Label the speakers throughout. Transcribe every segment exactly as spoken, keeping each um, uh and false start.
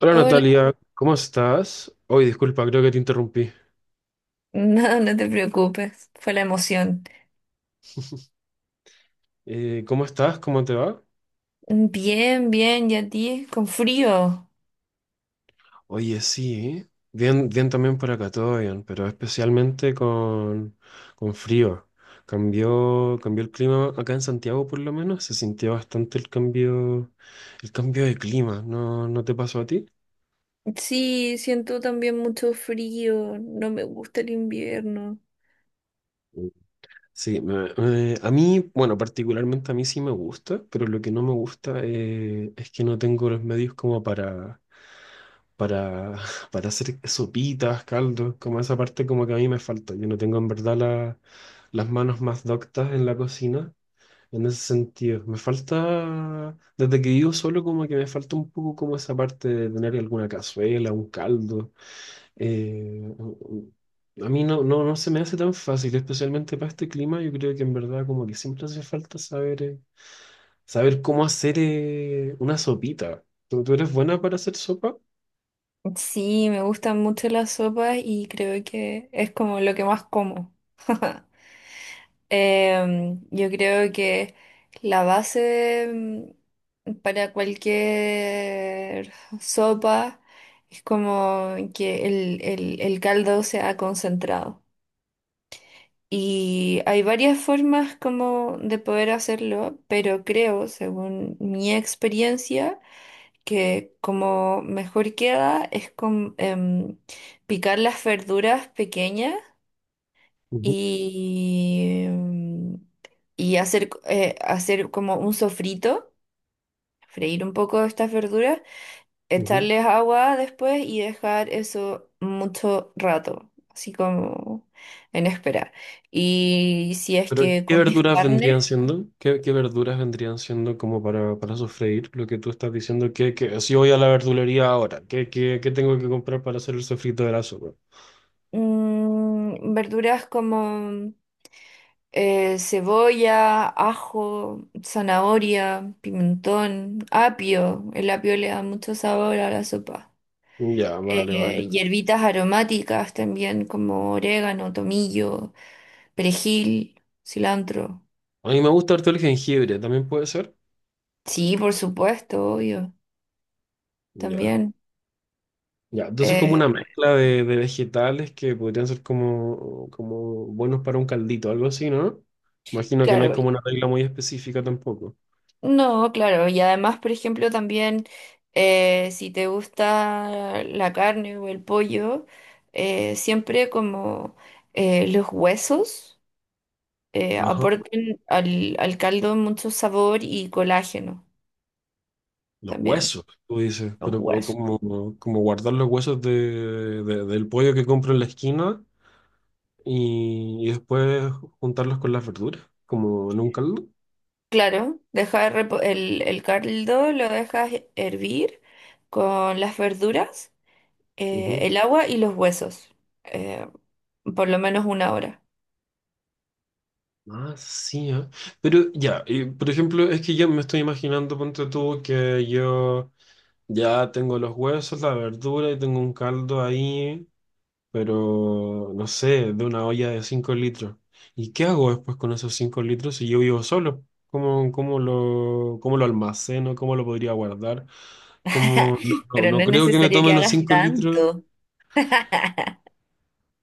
Speaker 1: Hola
Speaker 2: Hola,
Speaker 1: Natalia, ¿cómo estás? Hoy, disculpa, creo que te interrumpí.
Speaker 2: no, no te preocupes, fue la emoción.
Speaker 1: Eh, ¿cómo estás? ¿Cómo te va?
Speaker 2: Bien, bien, ¿y a ti? Con frío.
Speaker 1: Oye, sí, bien, bien también por acá, todo bien, pero especialmente con, con frío. Cambió, cambió el clima acá en Santiago, por lo menos, se sintió bastante el cambio, el cambio de clima. ¿No, no te pasó a ti?
Speaker 2: Sí, siento también mucho frío, no me gusta el invierno.
Speaker 1: Sí, me- me- a mí, bueno, particularmente a mí sí me gusta, pero lo que no me gusta eh, es que no tengo los medios como para para, para hacer sopitas, caldos, como esa parte como que a mí me falta. Yo no tengo en verdad la- las manos más doctas en la cocina, en ese sentido. Me falta, desde que vivo solo, como que me falta un poco como esa parte de tener alguna cazuela, un caldo. Eh, a mí no, no, no se me hace tan fácil, especialmente para este clima. Yo creo que en verdad como que siempre hace falta saber, eh, saber cómo hacer eh, una sopita. ¿Tú, tú eres buena para hacer sopa?
Speaker 2: Sí, me gustan mucho las sopas y creo que es como lo que más como. Em, yo creo que la base mm, para cualquier sopa es como que el, el el caldo sea concentrado. Y hay varias formas como de poder hacerlo, pero creo, según mi experiencia, que como mejor queda es con em, picar las verduras pequeñas
Speaker 1: Ujú,
Speaker 2: y, mm, y hacer, eh, hacer como un sofrito, freír un poco estas verduras,
Speaker 1: ujú.
Speaker 2: echarles agua después y dejar eso mucho rato, así como en espera. Y si es
Speaker 1: Pero,
Speaker 2: que
Speaker 1: ¿qué
Speaker 2: comes
Speaker 1: verduras vendrían
Speaker 2: carne,
Speaker 1: siendo? ¿Qué, qué verduras vendrían siendo como para, para sofreír? Lo que tú estás diciendo, que, que si voy a la verdulería ahora, ¿qué, qué, qué tengo que comprar para hacer el sofrito de la sopa?
Speaker 2: mm, verduras como eh, cebolla, ajo, zanahoria, pimentón, apio. El apio le da mucho sabor a la sopa.
Speaker 1: Ya, vale, vale.
Speaker 2: Eh, hierbitas aromáticas también como orégano, tomillo, perejil, cilantro.
Speaker 1: A mí me gusta harto el jengibre, ¿también puede ser?
Speaker 2: Sí, por supuesto, obvio.
Speaker 1: Ya.
Speaker 2: También,
Speaker 1: Ya, entonces como una
Speaker 2: eh,
Speaker 1: mezcla de, de vegetales que podrían ser como, como buenos para un caldito, algo así, ¿no? Imagino que no hay
Speaker 2: claro,
Speaker 1: como una regla muy específica tampoco.
Speaker 2: no, claro, y además, por ejemplo, también eh, si te gusta la carne o el pollo, eh, siempre como eh, los huesos eh,
Speaker 1: Ajá.
Speaker 2: aportan al, al caldo mucho sabor y colágeno
Speaker 1: Los
Speaker 2: también,
Speaker 1: huesos, tú dices,
Speaker 2: los
Speaker 1: pero o
Speaker 2: huesos.
Speaker 1: como, como guardar los huesos de, de- del pollo que compro en la esquina y, y después juntarlos con las verduras, como en un caldo.
Speaker 2: Claro, deja de repo- el, el caldo lo dejas hervir con las verduras, eh,
Speaker 1: Ujú.
Speaker 2: el agua y los huesos, eh, por lo menos una hora.
Speaker 1: Ah, sí, ah. Pero ya, y, por ejemplo, es que yo me estoy imaginando, ponte tú, que yo ya tengo los huesos, la verdura y tengo un caldo ahí, pero no sé, de una olla de cinco litros. ¿Y qué hago después con esos cinco litros si yo vivo solo? ¿Cómo, cómo lo, cómo lo almaceno? ¿Cómo lo podría guardar? ¿Cómo, no, no,
Speaker 2: Pero
Speaker 1: no
Speaker 2: no es
Speaker 1: creo que me
Speaker 2: necesario
Speaker 1: tome
Speaker 2: que
Speaker 1: los
Speaker 2: hagas
Speaker 1: cinco litros.
Speaker 2: tanto.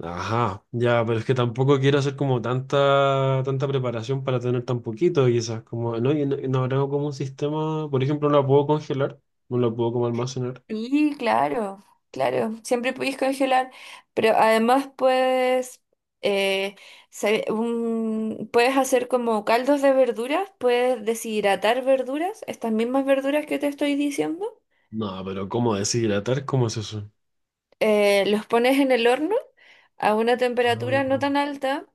Speaker 1: Ajá, ya, pero es que tampoco quiero hacer como tanta, tanta preparación para tener tan poquito y esas, como, ¿no? Y no, y no habrá como un sistema, por ejemplo, no la puedo congelar, no la puedo como almacenar.
Speaker 2: Sí, claro, claro, siempre puedes congelar, pero además puedes, eh, sabe- un- puedes hacer como caldos de verduras, puedes deshidratar verduras, estas mismas verduras que te estoy diciendo,
Speaker 1: No, pero ¿cómo deshidratar? ¿Cómo es eso?
Speaker 2: eh, los pones en el horno a una temperatura no tan alta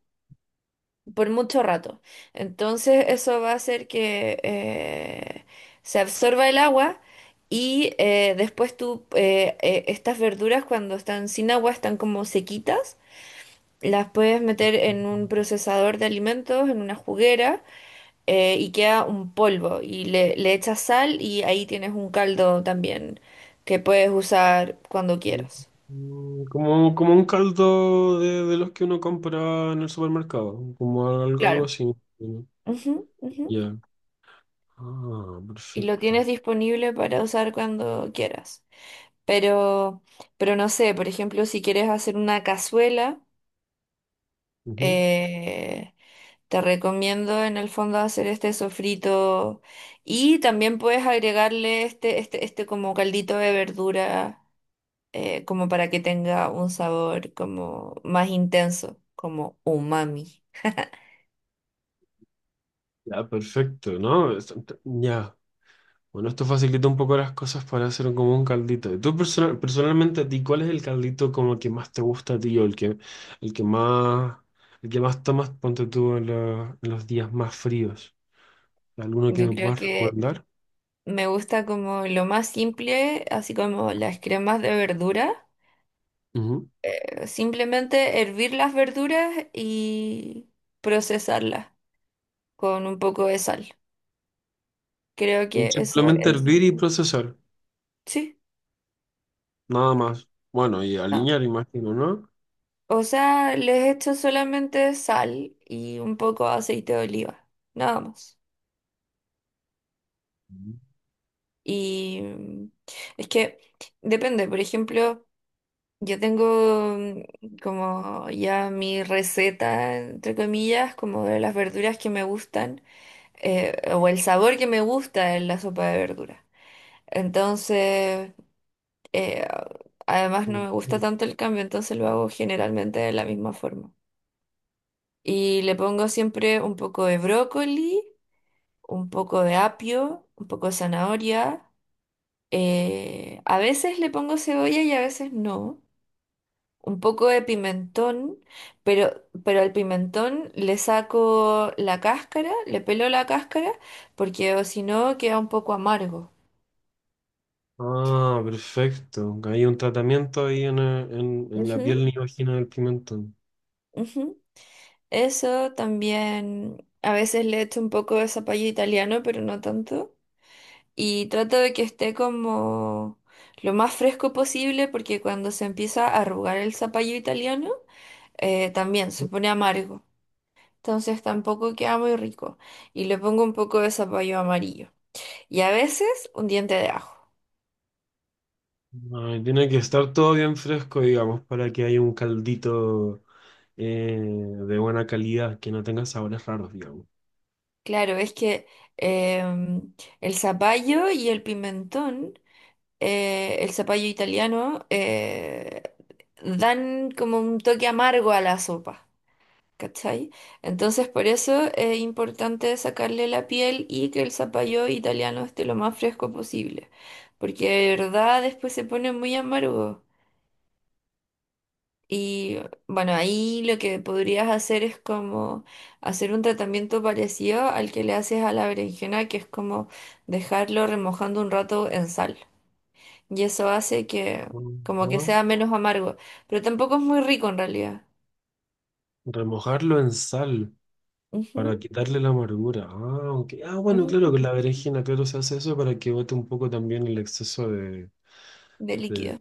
Speaker 2: por mucho rato. Entonces eso va a hacer que eh, se absorba el agua y eh, después tú, eh, eh, estas verduras cuando están sin agua, están como sequitas, las puedes meter en un procesador de alimentos, en una juguera, eh, y queda un polvo y le, le echas sal y ahí tienes un caldo también que puedes usar cuando quieras.
Speaker 1: Mm, como, como un caldo de, de los que uno compra en el supermercado, como al- algo,
Speaker 2: Claro.
Speaker 1: así. ¿No?
Speaker 2: Ujú, ujú.
Speaker 1: Ya. Ah,
Speaker 2: Y lo
Speaker 1: perfecto.
Speaker 2: tienes disponible para usar cuando quieras. Pero, pero no sé, por ejemplo, si quieres hacer una cazuela,
Speaker 1: Ujú.
Speaker 2: eh, te recomiendo en el fondo hacer este sofrito y también puedes agregarle este, este, este como caldito de verdura, eh, como para que tenga un sabor como más intenso, como umami.
Speaker 1: Ya, perfecto, ¿no? Es- ent- Ya. Bueno, esto facilita un poco las cosas para hacer como un caldito. ¿Y tú personal personalmente a ti, cuál es el caldito como que más te gusta a ti o el que, el que más, el que más tomas, ponte tú en, la- en los días más fríos? ¿Alguno que
Speaker 2: Yo
Speaker 1: me
Speaker 2: creo
Speaker 1: puedas
Speaker 2: que
Speaker 1: recomendar?
Speaker 2: me gusta como lo más simple, así como las cremas de verdura. Eh, simplemente hervir las verduras y procesarlas con un poco de sal. Creo
Speaker 1: Ujú.
Speaker 2: que eso
Speaker 1: Simplemente
Speaker 2: es,
Speaker 1: hervir y procesar.
Speaker 2: sí,
Speaker 1: Nada más. Bueno, y
Speaker 2: no.
Speaker 1: alinear, imagino, ¿no?
Speaker 2: O sea, les echo solamente sal y un poco de aceite de oliva, nada más. Y mm, es que depende, por ejemplo, yo tengo mm, como ya mi receta, entre comillas, como de las verduras que me gustan, eh, o el sabor que me gusta en la sopa de verduras. Entonces, eh, además no
Speaker 1: Ujú.
Speaker 2: me gusta tanto el cambio, entonces lo hago generalmente de la misma forma. Y le pongo siempre un poco de brócoli, un poco de apio, un poco de zanahoria. Eh, a veces le pongo cebolla y a veces no. Un poco de pimentón, pero, pero al pimentón le saco la cáscara, le pelo la cáscara, porque o si no queda un poco amargo.
Speaker 1: Ah, perfecto. Hay un tratamiento ahí en, eh, en, en la
Speaker 2: Ujú,
Speaker 1: piel niógena del pimentón.
Speaker 2: ujú. Eso también a veces le echo un poco de zapallo italiano, pero no tanto. Y trato de que esté como lo más fresco posible porque cuando se empieza a arrugar el zapallo italiano, eh, también se pone amargo. Entonces tampoco queda muy rico. Y le pongo un poco de zapallo amarillo. Y a veces un diente de ajo.
Speaker 1: Ay, tiene que estar todo bien fresco, digamos, para que haya un caldito eh, de buena calidad, que no tenga sabores raros, digamos.
Speaker 2: Claro, es que em, el zapallo y el pimentón, eh, el zapallo italiano, eh, dan como un toque amargo a la sopa, ¿cachai? Entonces por eso es importante sacarle la piel y que el zapallo italiano esté lo más fresco posible, porque de verdad después se pone muy amargo. Y bueno, ahí lo que podrías hacer es como hacer un tratamiento parecido al que le haces a la berenjena, que es como dejarlo remojando un rato en sal y eso hace que
Speaker 1: Con
Speaker 2: como que
Speaker 1: agua.
Speaker 2: sea menos amargo, pero tampoco es muy rico en realidad.
Speaker 1: Remojarlo en sal para
Speaker 2: Ujú,
Speaker 1: quitarle la amargura. Ah, ok. Ah, bueno,
Speaker 2: ujú,
Speaker 1: claro,
Speaker 2: ujú,
Speaker 1: con la berenjena, claro, se hace eso para que bote un poco también el exceso de,
Speaker 2: de
Speaker 1: de
Speaker 2: líquido.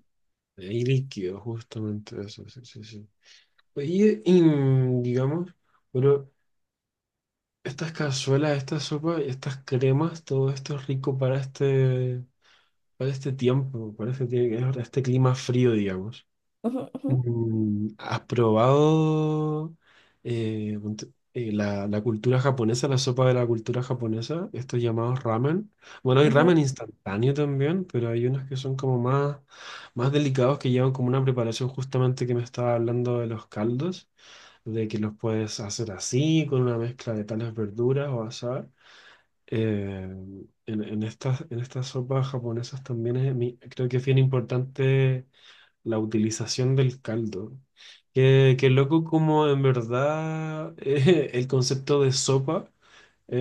Speaker 1: y líquido, justamente eso, sí, sí, sí. Y, y, mm, digamos, bueno, estas cazuelas, estas sopas, estas cremas, todo esto es rico para este, para este tiempo, para este, tie- este clima frío, digamos.
Speaker 2: Ujú, ujú,
Speaker 1: Mm, ¿has probado eh, ponte- eh, la, la cultura japonesa, la sopa de la cultura japonesa, estos llamados ramen? Bueno, hay ramen
Speaker 2: ujú,
Speaker 1: instantáneo también, pero hay unos que son como más, más delicados que llevan como una preparación justamente que me estaba hablando de los caldos, de que los puedes hacer así, con una mezcla de tales verduras o asar. Eh, en, en estas, en estas sopas japonesas también es, mi- creo que es bien importante la utilización del caldo. Qué, qué loco como en verdad eh, el concepto de sopa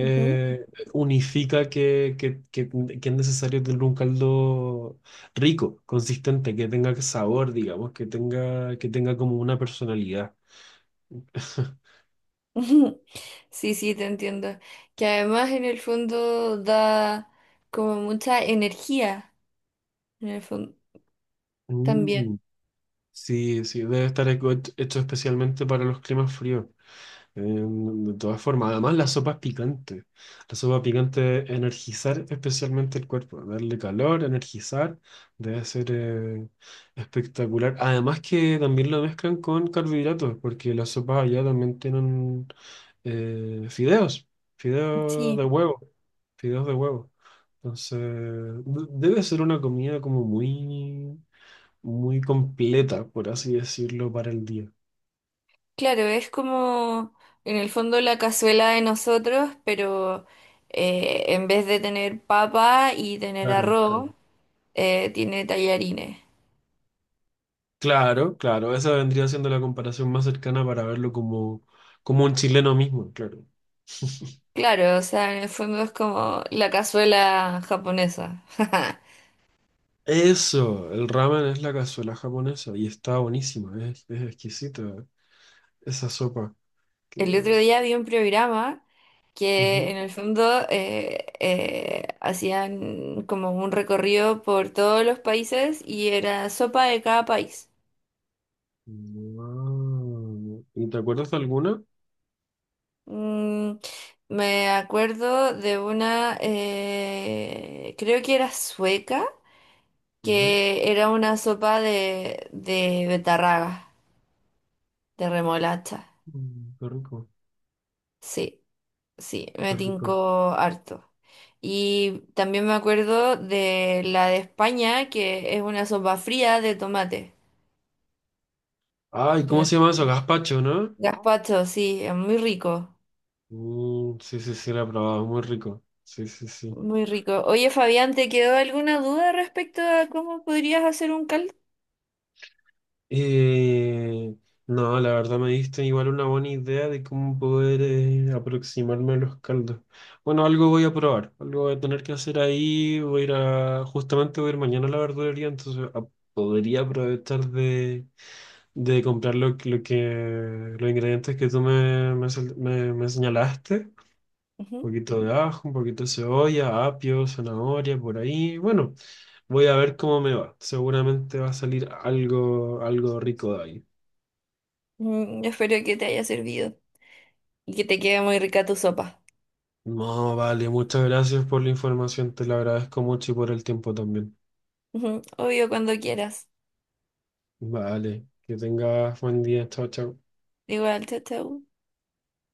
Speaker 2: ujú,
Speaker 1: unifica que, que, que- que es necesario tener un caldo rico, consistente, que tenga sabor, digamos, que tenga, que tenga como una personalidad.
Speaker 2: ujú. Sí, sí, te entiendo. Que además en el fondo da como mucha energía, en el fondo
Speaker 1: Mm,
Speaker 2: también.
Speaker 1: sí, sí, debe estar hecho hecho especialmente para los climas fríos. Eh, de todas formas, además la sopa es picante. La sopa picante es energizar especialmente el cuerpo, darle calor, energizar, debe ser eh, espectacular. Además que también lo mezclan con carbohidratos, porque las sopas allá también tienen eh, fideos, fideos
Speaker 2: Sí,
Speaker 1: de huevo, fideos de huevo. Entonces, de- debe ser una comida como muy, muy completa, por así decirlo, para el día.
Speaker 2: claro, es como en el fondo la cazuela de nosotros, pero eh, en vez de tener papa y tener
Speaker 1: Claro, claro.
Speaker 2: arroz, eh, tiene tallarines.
Speaker 1: Claro, claro, esa vendría siendo la comparación más cercana para verlo como, como un chileno mismo, claro.
Speaker 2: Claro, o sea, en el fondo es como la cazuela japonesa.
Speaker 1: Eso, el ramen es la cazuela japonesa y está buenísima, es, es exquisita esa sopa.
Speaker 2: El
Speaker 1: Que...
Speaker 2: otro día vi un programa que
Speaker 1: Ujú.
Speaker 2: en el fondo eh, eh, hacían como un recorrido por todos los países y era sopa de cada país.
Speaker 1: Guau. ¿Y te acuerdas de alguna?
Speaker 2: Mm, me acuerdo de una, eh, creo que era sueca,
Speaker 1: Ujú.
Speaker 2: que era una sopa de, de betarraga, de remolacha.
Speaker 1: Mm, qué rico,
Speaker 2: Sí. Sí, me
Speaker 1: qué rico.
Speaker 2: tincó harto. Y también me acuerdo de la de España, que es una sopa fría de tomate.
Speaker 1: Ay, ¿cómo
Speaker 2: Que-
Speaker 1: se llama eso? Gazpacho, ¿no?
Speaker 2: Gazpacho, sí, es muy rico,
Speaker 1: Mm, sí, sí, sí, la he probado, muy rico. Sí, sí, sí.
Speaker 2: muy rico. Oye, Fabián, ¿te quedó alguna duda respecto a cómo podrías hacer un caldo?
Speaker 1: Eh, no, la verdad me diste igual una buena idea de cómo poder eh, aproximarme a los caldos. Bueno, algo voy a probar, algo voy a tener que hacer ahí. Voy a ir a, justamente voy a ir mañana a la verdulería, entonces a- podría aprovechar de, de comprar lo, lo que, los ingredientes que tú me, me, sal- me- me señalaste. Un
Speaker 2: Ujú.
Speaker 1: poquito de ajo, un poquito de cebolla, apio, zanahoria, por ahí. Bueno, voy a ver cómo me va. Seguramente va a salir algo, algo rico de ahí.
Speaker 2: Mm, espero que te haya servido y que te quede muy rica tu sopa.
Speaker 1: No, vale, muchas gracias por la información, te la agradezco mucho y por el tiempo también.
Speaker 2: Ujú. Obvio, cuando quieras.
Speaker 1: Vale, que tengas buen día, chao, chao.
Speaker 2: Igual, chao, chao.